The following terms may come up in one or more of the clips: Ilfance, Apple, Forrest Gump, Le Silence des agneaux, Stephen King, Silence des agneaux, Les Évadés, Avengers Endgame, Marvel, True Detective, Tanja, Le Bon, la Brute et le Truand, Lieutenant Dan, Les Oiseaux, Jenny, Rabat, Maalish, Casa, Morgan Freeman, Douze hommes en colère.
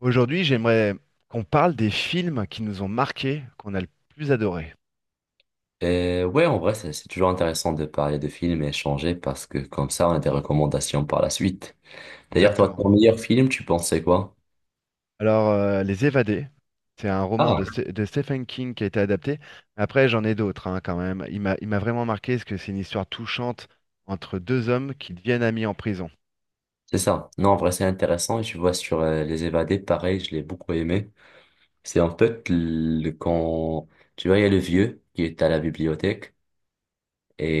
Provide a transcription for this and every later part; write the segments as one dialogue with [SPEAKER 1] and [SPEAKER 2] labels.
[SPEAKER 1] Aujourd'hui, j'aimerais qu'on parle des films qui nous ont marqués, qu'on a le plus adoré.
[SPEAKER 2] Et ouais, en vrai, c'est toujours intéressant de parler de films et échanger parce que comme ça, on a des recommandations par la suite. D'ailleurs, toi,
[SPEAKER 1] Exactement.
[SPEAKER 2] ton meilleur film, tu pensais quoi?
[SPEAKER 1] Alors, Les Évadés, c'est un roman
[SPEAKER 2] Ah,
[SPEAKER 1] de Stephen King qui a été adapté. Après, j'en ai d'autres hein, quand même. Il m'a vraiment marqué parce que c'est une histoire touchante entre deux hommes qui deviennent amis en prison.
[SPEAKER 2] c'est ça. Non, en vrai, c'est intéressant. Et tu vois, sur Les Évadés, pareil, je l'ai beaucoup aimé. C'est en fait le, quand, tu vois, il y a le vieux qui est à la bibliothèque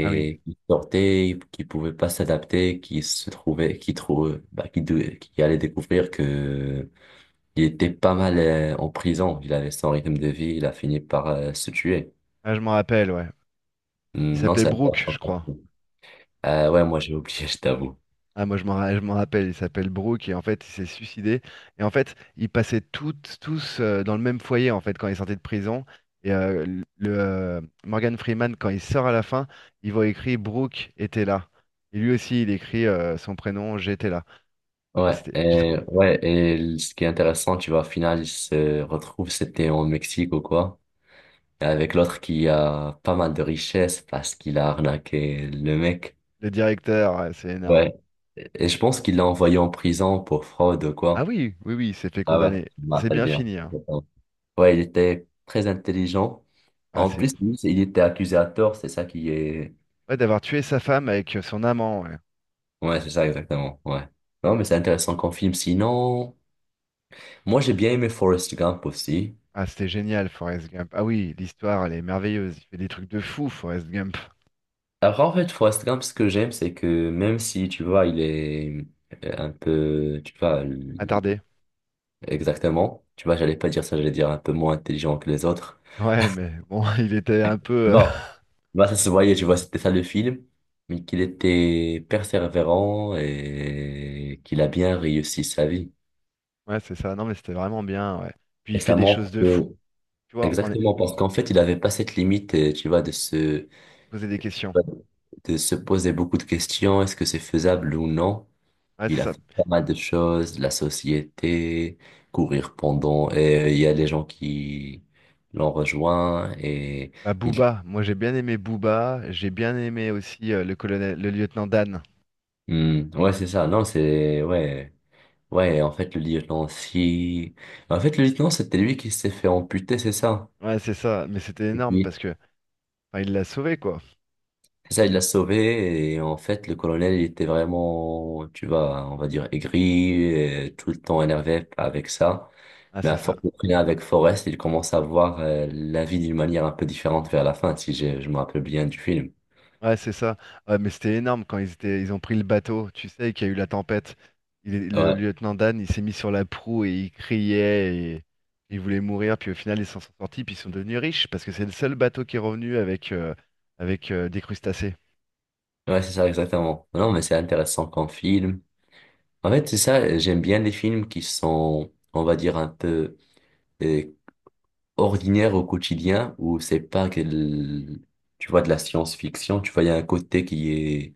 [SPEAKER 1] Ah oui,
[SPEAKER 2] qui sortait, qui pouvait pas s'adapter, qui se trouvait, qui trouve, bah, qui, qui allait découvrir que il était pas mal en prison. Il avait son rythme de vie. Il a fini par se tuer.
[SPEAKER 1] ah, je m'en rappelle, ouais. Il
[SPEAKER 2] Hmm, Non,
[SPEAKER 1] s'appelait
[SPEAKER 2] c'est
[SPEAKER 1] Brooke, je
[SPEAKER 2] intéressant.
[SPEAKER 1] crois.
[SPEAKER 2] Ouais, moi j'ai oublié, je t'avoue.
[SPEAKER 1] Ah, moi, je m'en rappelle, il s'appelle Brooke et en fait, il s'est suicidé. Et en fait, ils passaient toutes, tous dans le même foyer en fait quand ils sortaient de prison. Et le Morgan Freeman, quand il sort à la fin, il voit écrit Brooke était là. Et lui aussi, il écrit son prénom, j'étais là. Ça,
[SPEAKER 2] Ouais,
[SPEAKER 1] c'était- j'ai trou-
[SPEAKER 2] et, ouais, et ce qui est intéressant, tu vois, au final, ils se retrouvent, c'était en Mexique ou quoi, avec l'autre qui a pas mal de richesses parce qu'il a arnaqué le mec.
[SPEAKER 1] Le directeur, c'est énorme.
[SPEAKER 2] Ouais, et je pense qu'il l'a envoyé en prison pour fraude ou
[SPEAKER 1] Ah
[SPEAKER 2] quoi.
[SPEAKER 1] oui, oui, oui, il s'est fait
[SPEAKER 2] Ah ouais,
[SPEAKER 1] condamner.
[SPEAKER 2] je me
[SPEAKER 1] Ça s'est
[SPEAKER 2] rappelle
[SPEAKER 1] bien
[SPEAKER 2] bien.
[SPEAKER 1] fini, hein.
[SPEAKER 2] Ouais, il était très intelligent.
[SPEAKER 1] Ah,
[SPEAKER 2] En
[SPEAKER 1] c'est
[SPEAKER 2] plus, lui, il était accusé à tort, c'est ça qui est...
[SPEAKER 1] ouais, d'avoir tué sa femme avec son amant, ouais.
[SPEAKER 2] Ouais, c'est ça exactement, ouais. Non, mais c'est intéressant qu'on filme. Sinon, moi j'ai bien aimé Forrest Gump aussi.
[SPEAKER 1] Ah, c'était génial, Forrest Gump. Ah oui, l'histoire, elle est merveilleuse. Il fait des trucs de fou, Forrest Gump.
[SPEAKER 2] Alors en fait, Forrest Gump, ce que j'aime, c'est que même si, tu vois, il est un peu, tu vois,
[SPEAKER 1] Attardé.
[SPEAKER 2] exactement, tu vois, j'allais pas dire ça, j'allais dire un peu moins intelligent que les autres.
[SPEAKER 1] Ouais, mais bon, il était un peu.
[SPEAKER 2] Bon, bah, ça se voyait, tu vois, c'était ça le film, mais qu'il était persévérant et qu'il a bien réussi sa vie.
[SPEAKER 1] Ouais, c'est ça. Non, mais c'était vraiment bien. Ouais. Puis il
[SPEAKER 2] Et
[SPEAKER 1] fait
[SPEAKER 2] ça
[SPEAKER 1] des choses
[SPEAKER 2] montre
[SPEAKER 1] de
[SPEAKER 2] que,
[SPEAKER 1] fou. Tu vois, on est
[SPEAKER 2] exactement, parce qu'en fait, il n'avait pas cette limite, tu vois,
[SPEAKER 1] posé des questions.
[SPEAKER 2] de se poser beaucoup de questions, est-ce que c'est faisable ou non?
[SPEAKER 1] Ouais, c'est
[SPEAKER 2] Il a
[SPEAKER 1] ça.
[SPEAKER 2] fait pas mal de choses, la société, courir pendant, et il y a des gens qui l'ont rejoint, et
[SPEAKER 1] Bah,
[SPEAKER 2] il,
[SPEAKER 1] Booba. Moi, j'ai bien aimé Booba. J'ai bien aimé aussi le colonel, le lieutenant Dan.
[SPEAKER 2] Hmm, ouais, c'est ça, non, c'est, ouais, ouais, en fait, le lieutenant, si, en fait, le lieutenant, c'était lui qui s'est fait amputer, c'est ça?
[SPEAKER 1] Ouais, c'est ça. Mais c'était énorme parce que, enfin, il l'a sauvé, quoi.
[SPEAKER 2] Ça, il l'a sauvé et en fait, le colonel, il était vraiment, tu vois, on va dire aigri, et tout le temps énervé avec ça.
[SPEAKER 1] Ah,
[SPEAKER 2] Mais
[SPEAKER 1] c'est
[SPEAKER 2] à
[SPEAKER 1] ça.
[SPEAKER 2] force de traîner avec Forrest, il commence à voir la vie d'une manière un peu différente vers la fin, si j'ai- je me rappelle bien du film.
[SPEAKER 1] Ouais, c'est ça. Ouais, mais c'était énorme quand ils ont pris le bateau. Tu sais qu'il y a eu la tempête. Le
[SPEAKER 2] Ouais,
[SPEAKER 1] lieutenant Dan, il s'est mis sur la proue et il criait et il voulait mourir. Puis au final, ils s'en sont sortis. Puis ils sont devenus riches parce que c'est le seul bateau qui est revenu avec des crustacés.
[SPEAKER 2] ouais, c'est ça, exactement. Non, mais c'est intéressant comme film. En fait, c'est ça, j'aime bien les films qui sont, on va dire, un peu euh, ordinaires au quotidien, où c'est pas que, tu vois, de la science-fiction, tu vois, il y a un côté qui est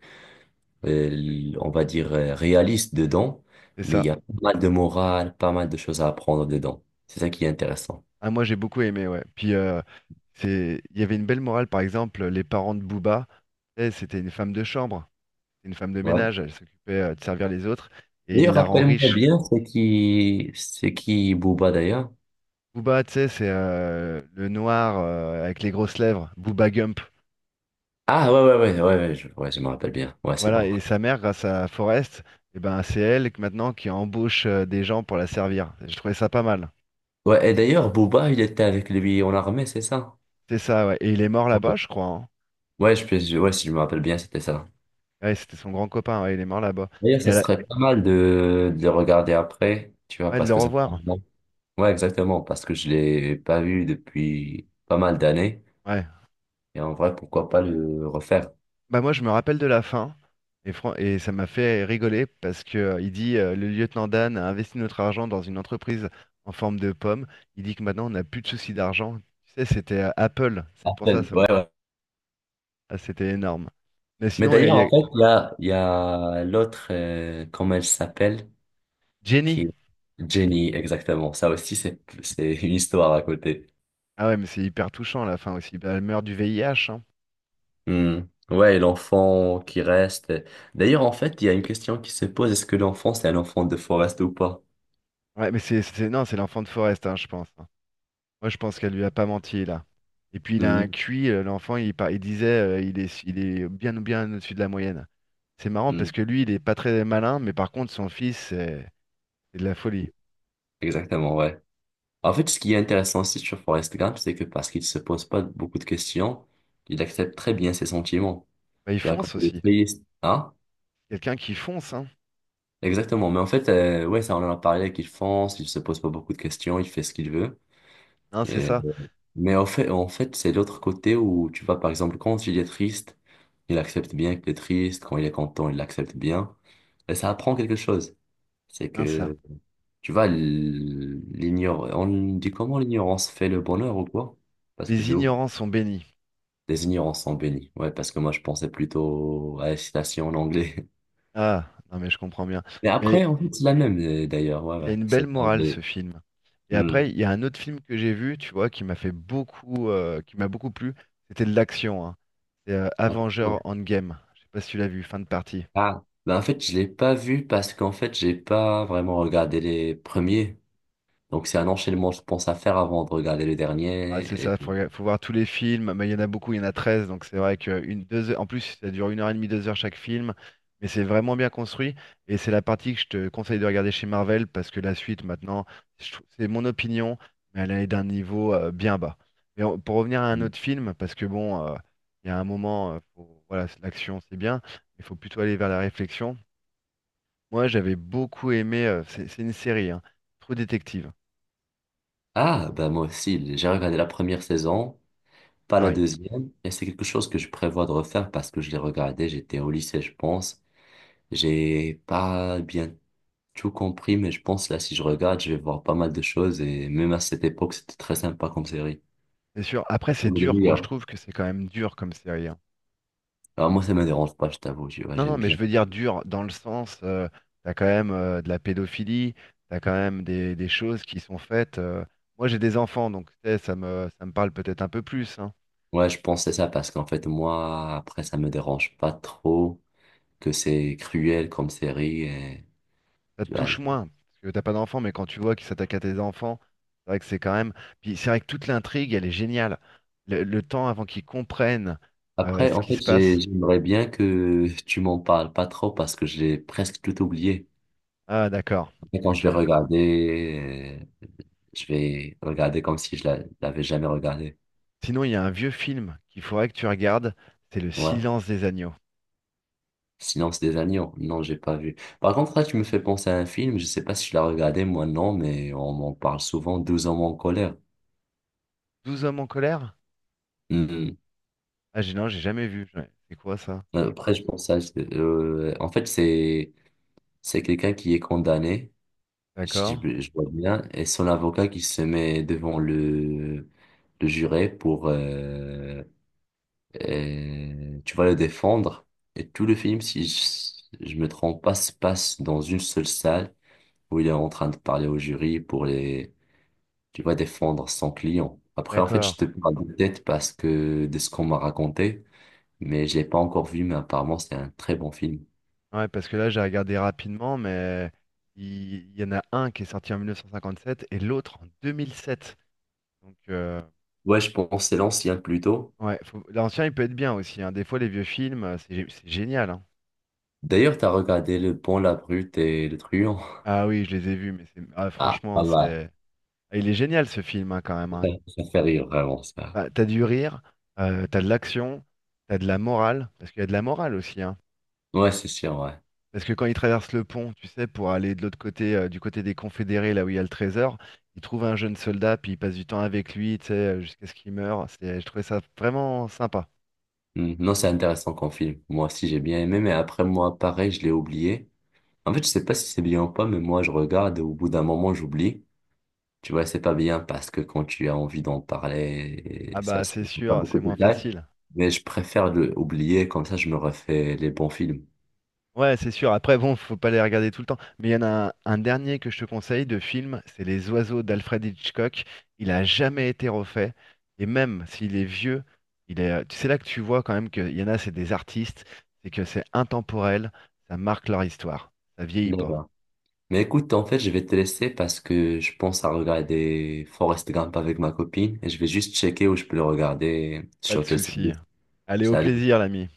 [SPEAKER 2] on va dire, réaliste dedans,
[SPEAKER 1] C'est
[SPEAKER 2] mais il
[SPEAKER 1] ça.
[SPEAKER 2] y a pas mal de morale, pas mal de choses à apprendre dedans. C'est ça qui est intéressant.
[SPEAKER 1] Ah, moi, j'ai beaucoup aimé. Ouais. Puis il y avait une belle morale. Par exemple, les parents de Booba, tu sais, c'était une femme de chambre, une femme de
[SPEAKER 2] Ouais.
[SPEAKER 1] ménage. Elle s'occupait de servir les autres et il
[SPEAKER 2] D'ailleurs,
[SPEAKER 1] la rend
[SPEAKER 2] rappelle-moi
[SPEAKER 1] riche.
[SPEAKER 2] bien, c'est qui Booba d'ailleurs?
[SPEAKER 1] Booba, tu sais, c'est le noir avec les grosses lèvres, Booba Gump.
[SPEAKER 2] Ah ouais, ouais, ouais, ouais, ouais, je me rappelle bien. Ouais, c'est
[SPEAKER 1] Voilà,
[SPEAKER 2] bon.
[SPEAKER 1] et sa mère, grâce à Forrest, eh ben, c'est elle maintenant qui embauche des gens pour la servir. Je trouvais ça pas mal.
[SPEAKER 2] Ouais, et d'ailleurs, Booba, il était avec lui en armée, c'est ça?
[SPEAKER 1] C'est ça, ouais. Et il est mort
[SPEAKER 2] Ok.
[SPEAKER 1] là-bas, je crois, hein.
[SPEAKER 2] Ouais, je, ouais, si je me rappelle bien, c'était ça.
[SPEAKER 1] Ouais, c'était son grand copain, ouais, il est mort là-bas.
[SPEAKER 2] D'ailleurs,
[SPEAKER 1] Et
[SPEAKER 2] ça
[SPEAKER 1] elle a-
[SPEAKER 2] serait pas mal de le regarder après, tu vois,
[SPEAKER 1] ouais, de
[SPEAKER 2] parce
[SPEAKER 1] le
[SPEAKER 2] que ça fait un
[SPEAKER 1] revoir.
[SPEAKER 2] moment. Ouais, exactement, parce que je l'ai pas vu depuis pas mal d'années.
[SPEAKER 1] Ouais.
[SPEAKER 2] Et en vrai, pourquoi pas le refaire?
[SPEAKER 1] Bah moi, je me rappelle de la fin, et ça m'a fait rigoler parce que il dit le lieutenant Dan a investi notre argent dans une entreprise en forme de pomme. Il dit que maintenant, on n'a plus de soucis d'argent. Tu sais, c'était Apple. C'est pour ça.
[SPEAKER 2] Appel, ouais, ouais.
[SPEAKER 1] Ah, c'était énorme. Mais
[SPEAKER 2] Mais
[SPEAKER 1] sinon, il y, a il
[SPEAKER 2] d'ailleurs,
[SPEAKER 1] y a
[SPEAKER 2] en fait, là, il y a l'autre, comment elle s'appelle, qui
[SPEAKER 1] Jenny.
[SPEAKER 2] est Jenny, exactement. Ça aussi, c'est une histoire à côté.
[SPEAKER 1] Ah ouais, mais c'est hyper touchant à la fin aussi. Bah, elle meurt du VIH, hein.
[SPEAKER 2] Hmm. Ouais, et l'enfant qui reste. D'ailleurs, en fait, il y a une question qui se pose, est-ce que l'enfant, c'est un enfant de Forrest ou pas?
[SPEAKER 1] Ouais, mais non, c'est l'enfant de Forrest, hein, je pense, hein. Moi, je pense qu'elle lui a pas menti là. Et puis il a un
[SPEAKER 2] Hmm.
[SPEAKER 1] QI, l'enfant, il disait, il est bien bien au-dessus de la moyenne. C'est marrant
[SPEAKER 2] Hmm.
[SPEAKER 1] parce que lui, il est pas très malin, mais par contre, son fils, c'est de la folie.
[SPEAKER 2] Exactement, ouais. En fait, ce qui est intéressant aussi sur Forrest Gump, c'est que parce qu'il se pose pas beaucoup de questions, il accepte très bien ses sentiments.
[SPEAKER 1] Bah, il
[SPEAKER 2] Tu vois, quand
[SPEAKER 1] fonce
[SPEAKER 2] il est
[SPEAKER 1] aussi.
[SPEAKER 2] triste, hein?
[SPEAKER 1] Quelqu'un qui fonce, hein.
[SPEAKER 2] Exactement, mais en fait, ouais, ça on en a parlé avec Ilfance, il se pose pas beaucoup de questions, il fait ce qu'il veut.
[SPEAKER 1] Hein, c'est
[SPEAKER 2] Et
[SPEAKER 1] ça.
[SPEAKER 2] mais en fait, c'est l'autre côté où tu vois, par exemple, quand il est triste, il accepte bien qu'il est triste, quand il est content, il l'accepte bien. Et ça apprend quelque chose. C'est
[SPEAKER 1] Hein, ça.
[SPEAKER 2] que, tu vois, l'ignor... on dit comment l'ignorance fait le bonheur ou quoi? Parce que je
[SPEAKER 1] Les
[SPEAKER 2] l'ai
[SPEAKER 1] ignorants sont bénis.
[SPEAKER 2] les ignorances sont bénies. Ouais, parce que moi, je pensais plutôt à la citation en anglais.
[SPEAKER 1] Ah, non, mais je comprends bien.
[SPEAKER 2] Mais
[SPEAKER 1] Mais
[SPEAKER 2] après, en fait, c'est la même, d'ailleurs. Ouais,
[SPEAKER 1] il a
[SPEAKER 2] ouais.
[SPEAKER 1] une
[SPEAKER 2] C'est
[SPEAKER 1] belle
[SPEAKER 2] ça,
[SPEAKER 1] morale ce film. Et après,
[SPEAKER 2] mais
[SPEAKER 1] il y a un autre film que j'ai vu, tu vois, qui m'a fait beaucoup, qui m'a beaucoup plu. C'était de l'action, hein. C'est Avengers Endgame. Je sais pas si tu l'as vu, fin de partie.
[SPEAKER 2] ah, bah en fait, je l'ai pas vu parce qu'en fait, j'ai pas vraiment regardé les premiers. Donc, c'est un enchaînement, je pense, à faire avant de regarder le
[SPEAKER 1] Ah,
[SPEAKER 2] dernier.
[SPEAKER 1] c'est
[SPEAKER 2] Et
[SPEAKER 1] ça, faut voir tous les films, mais il y en a beaucoup, il y en a 13, donc c'est vrai que une, deux heures- en plus ça dure une heure et demie, 2 heures chaque film, mais c'est vraiment bien construit, et c'est la partie que je te conseille de regarder chez Marvel, parce que la suite maintenant, c'est mon opinion, mais elle est d'un niveau bien bas. Mais pour revenir à un autre film, parce que bon, il y a un moment, voilà, l'action c'est bien, il faut plutôt aller vers la réflexion. Moi j'avais beaucoup aimé, c'est une série, hein, True Detective,
[SPEAKER 2] ah, bah moi aussi, j'ai regardé la première saison, pas la
[SPEAKER 1] pareil.
[SPEAKER 2] deuxième. Et c'est quelque chose que je prévois de refaire parce que je l'ai regardé, j'étais au lycée, je pense. J'ai pas bien tout compris, mais je pense là, si je regarde, je vais voir pas mal de choses. Et même à cette époque, c'était très sympa comme série.
[SPEAKER 1] C'est sûr. Après, c'est
[SPEAKER 2] Parmi les
[SPEAKER 1] dur. Moi, je
[SPEAKER 2] meilleures.
[SPEAKER 1] trouve que c'est quand même dur comme série, hein.
[SPEAKER 2] Alors, moi, ça me dérange pas, je t'avoue, tu vois,
[SPEAKER 1] Non, non,
[SPEAKER 2] j'aime
[SPEAKER 1] mais
[SPEAKER 2] bien.
[SPEAKER 1] je veux dire dur dans le sens, t'as quand même de la pédophilie, t'as quand même des choses qui sont faites. Moi, j'ai des enfants, donc tu sais, ça me parle peut-être un peu plus, hein.
[SPEAKER 2] Ouais, je pense que c'est ça parce qu'en fait, moi, après, ça me dérange pas trop que c'est cruel comme série. Et,
[SPEAKER 1] Ça te
[SPEAKER 2] tu vois.
[SPEAKER 1] touche moins, parce que t'as pas d'enfants, mais quand tu vois qu'ils s'attaquent à tes enfants, c'est vrai que c'est quand même. Puis c'est vrai que toute l'intrigue, elle est géniale. Le temps avant qu'ils comprennent
[SPEAKER 2] Après,
[SPEAKER 1] ce
[SPEAKER 2] en
[SPEAKER 1] qui
[SPEAKER 2] fait,
[SPEAKER 1] se passe.
[SPEAKER 2] j'aimerais bien que tu m'en parles pas trop parce que j'ai presque tout oublié.
[SPEAKER 1] Ah, d'accord.
[SPEAKER 2] Après, quand
[SPEAKER 1] Ok.
[SPEAKER 2] je vais regarder comme si l'avais jamais regardé.
[SPEAKER 1] Sinon, il y a un vieux film qu'il faudrait que tu regardes, c'est Le
[SPEAKER 2] Ouais.
[SPEAKER 1] Silence des agneaux.
[SPEAKER 2] Silence des agneaux. Non, j'ai pas vu. Par contre, là, tu me fais penser à un film. Je sais pas si je l'ai regardé, moi, non, mais on m'en parle souvent, douze hommes en colère.
[SPEAKER 1] Douze hommes en colère?
[SPEAKER 2] Hmm.
[SPEAKER 1] Ah, j'ai non, j'ai jamais vu. Ouais, c'est quoi ça?
[SPEAKER 2] Après, je pense à... en fait, c'est quelqu'un qui est condamné, si
[SPEAKER 1] D'accord,
[SPEAKER 2] je, je vois bien, et son avocat qui se met devant le juré pour, tu vas le défendre. Et tout le film, si je, je me trompe pas, se passe dans une seule salle où il est en train de parler au jury pour les, tu vas défendre son client. Après, en fait,
[SPEAKER 1] d'accord.
[SPEAKER 2] je te parle de tête parce que de ce qu'on m'a raconté, mais je l'ai pas encore vu, mais apparemment, c'est un très bon film.
[SPEAKER 1] Ah ouais, parce que là, j'ai regardé rapidement, mais il y en a un qui est sorti en 1957 et l'autre en 2007. Donc,
[SPEAKER 2] Ouais, je pense que c'est l'ancien plutôt.
[SPEAKER 1] ouais, l'ancien, il peut être bien aussi, hein. Des fois, les vieux films, c'est génial, hein.
[SPEAKER 2] D'ailleurs, t'as regardé Le Bon, la Brute et le Truand.
[SPEAKER 1] Ah oui, je les ai vus, mais ah,
[SPEAKER 2] Ah,
[SPEAKER 1] franchement,
[SPEAKER 2] pas mal.
[SPEAKER 1] c'est. Ah, il est génial ce film hein, quand même, hein.
[SPEAKER 2] Ça, ça fait rire vraiment ça.
[SPEAKER 1] Bah, t'as du rire, t'as de l'action, t'as de la morale, parce qu'il y a de la morale aussi, hein.
[SPEAKER 2] Ouais, c'est sûr, ouais.
[SPEAKER 1] Parce que quand ils traversent le pont, tu sais, pour aller de l'autre côté, du côté des Confédérés, là où il y a le trésor, ils trouvent un jeune soldat, puis ils passent du temps avec lui, tu sais, jusqu'à ce qu'il meure. C'est, je trouvais ça vraiment sympa.
[SPEAKER 2] Hmm, Non, c'est intéressant comme film. Moi aussi, j'ai bien aimé, mais après moi, pareil, je l'ai oublié. En fait, je sais pas si c'est bien ou pas, mais moi, je regarde et au bout d'un moment, j'oublie. Tu vois, c'est pas bien parce que quand tu as envie d'en parler,
[SPEAKER 1] Ah
[SPEAKER 2] ça,
[SPEAKER 1] bah c'est
[SPEAKER 2] c'est pas
[SPEAKER 1] sûr,
[SPEAKER 2] beaucoup
[SPEAKER 1] c'est
[SPEAKER 2] de
[SPEAKER 1] moins
[SPEAKER 2] détails.
[SPEAKER 1] facile.
[SPEAKER 2] Mais je préfère le oublier, comme ça, je me refais les bons films.
[SPEAKER 1] Ouais, c'est sûr. Après, bon, faut pas les regarder tout le temps. Mais il y en a un dernier que je te conseille de film, c'est Les Oiseaux d'Alfred Hitchcock. Il a jamais été refait. Et même s'il est vieux, il est, c'est là que tu vois quand même qu'il y en a, c'est des artistes, c'est que c'est intemporel, ça marque leur histoire. Ça vieillit pas.
[SPEAKER 2] D'accord. Mais écoute, en fait, je vais te laisser parce que je pense à regarder Forrest Gump avec ma copine et je vais juste checker où je peux le regarder
[SPEAKER 1] Pas de
[SPEAKER 2] sur quel
[SPEAKER 1] souci.
[SPEAKER 2] service.
[SPEAKER 1] Allez, au
[SPEAKER 2] Salut.
[SPEAKER 1] plaisir, l'ami.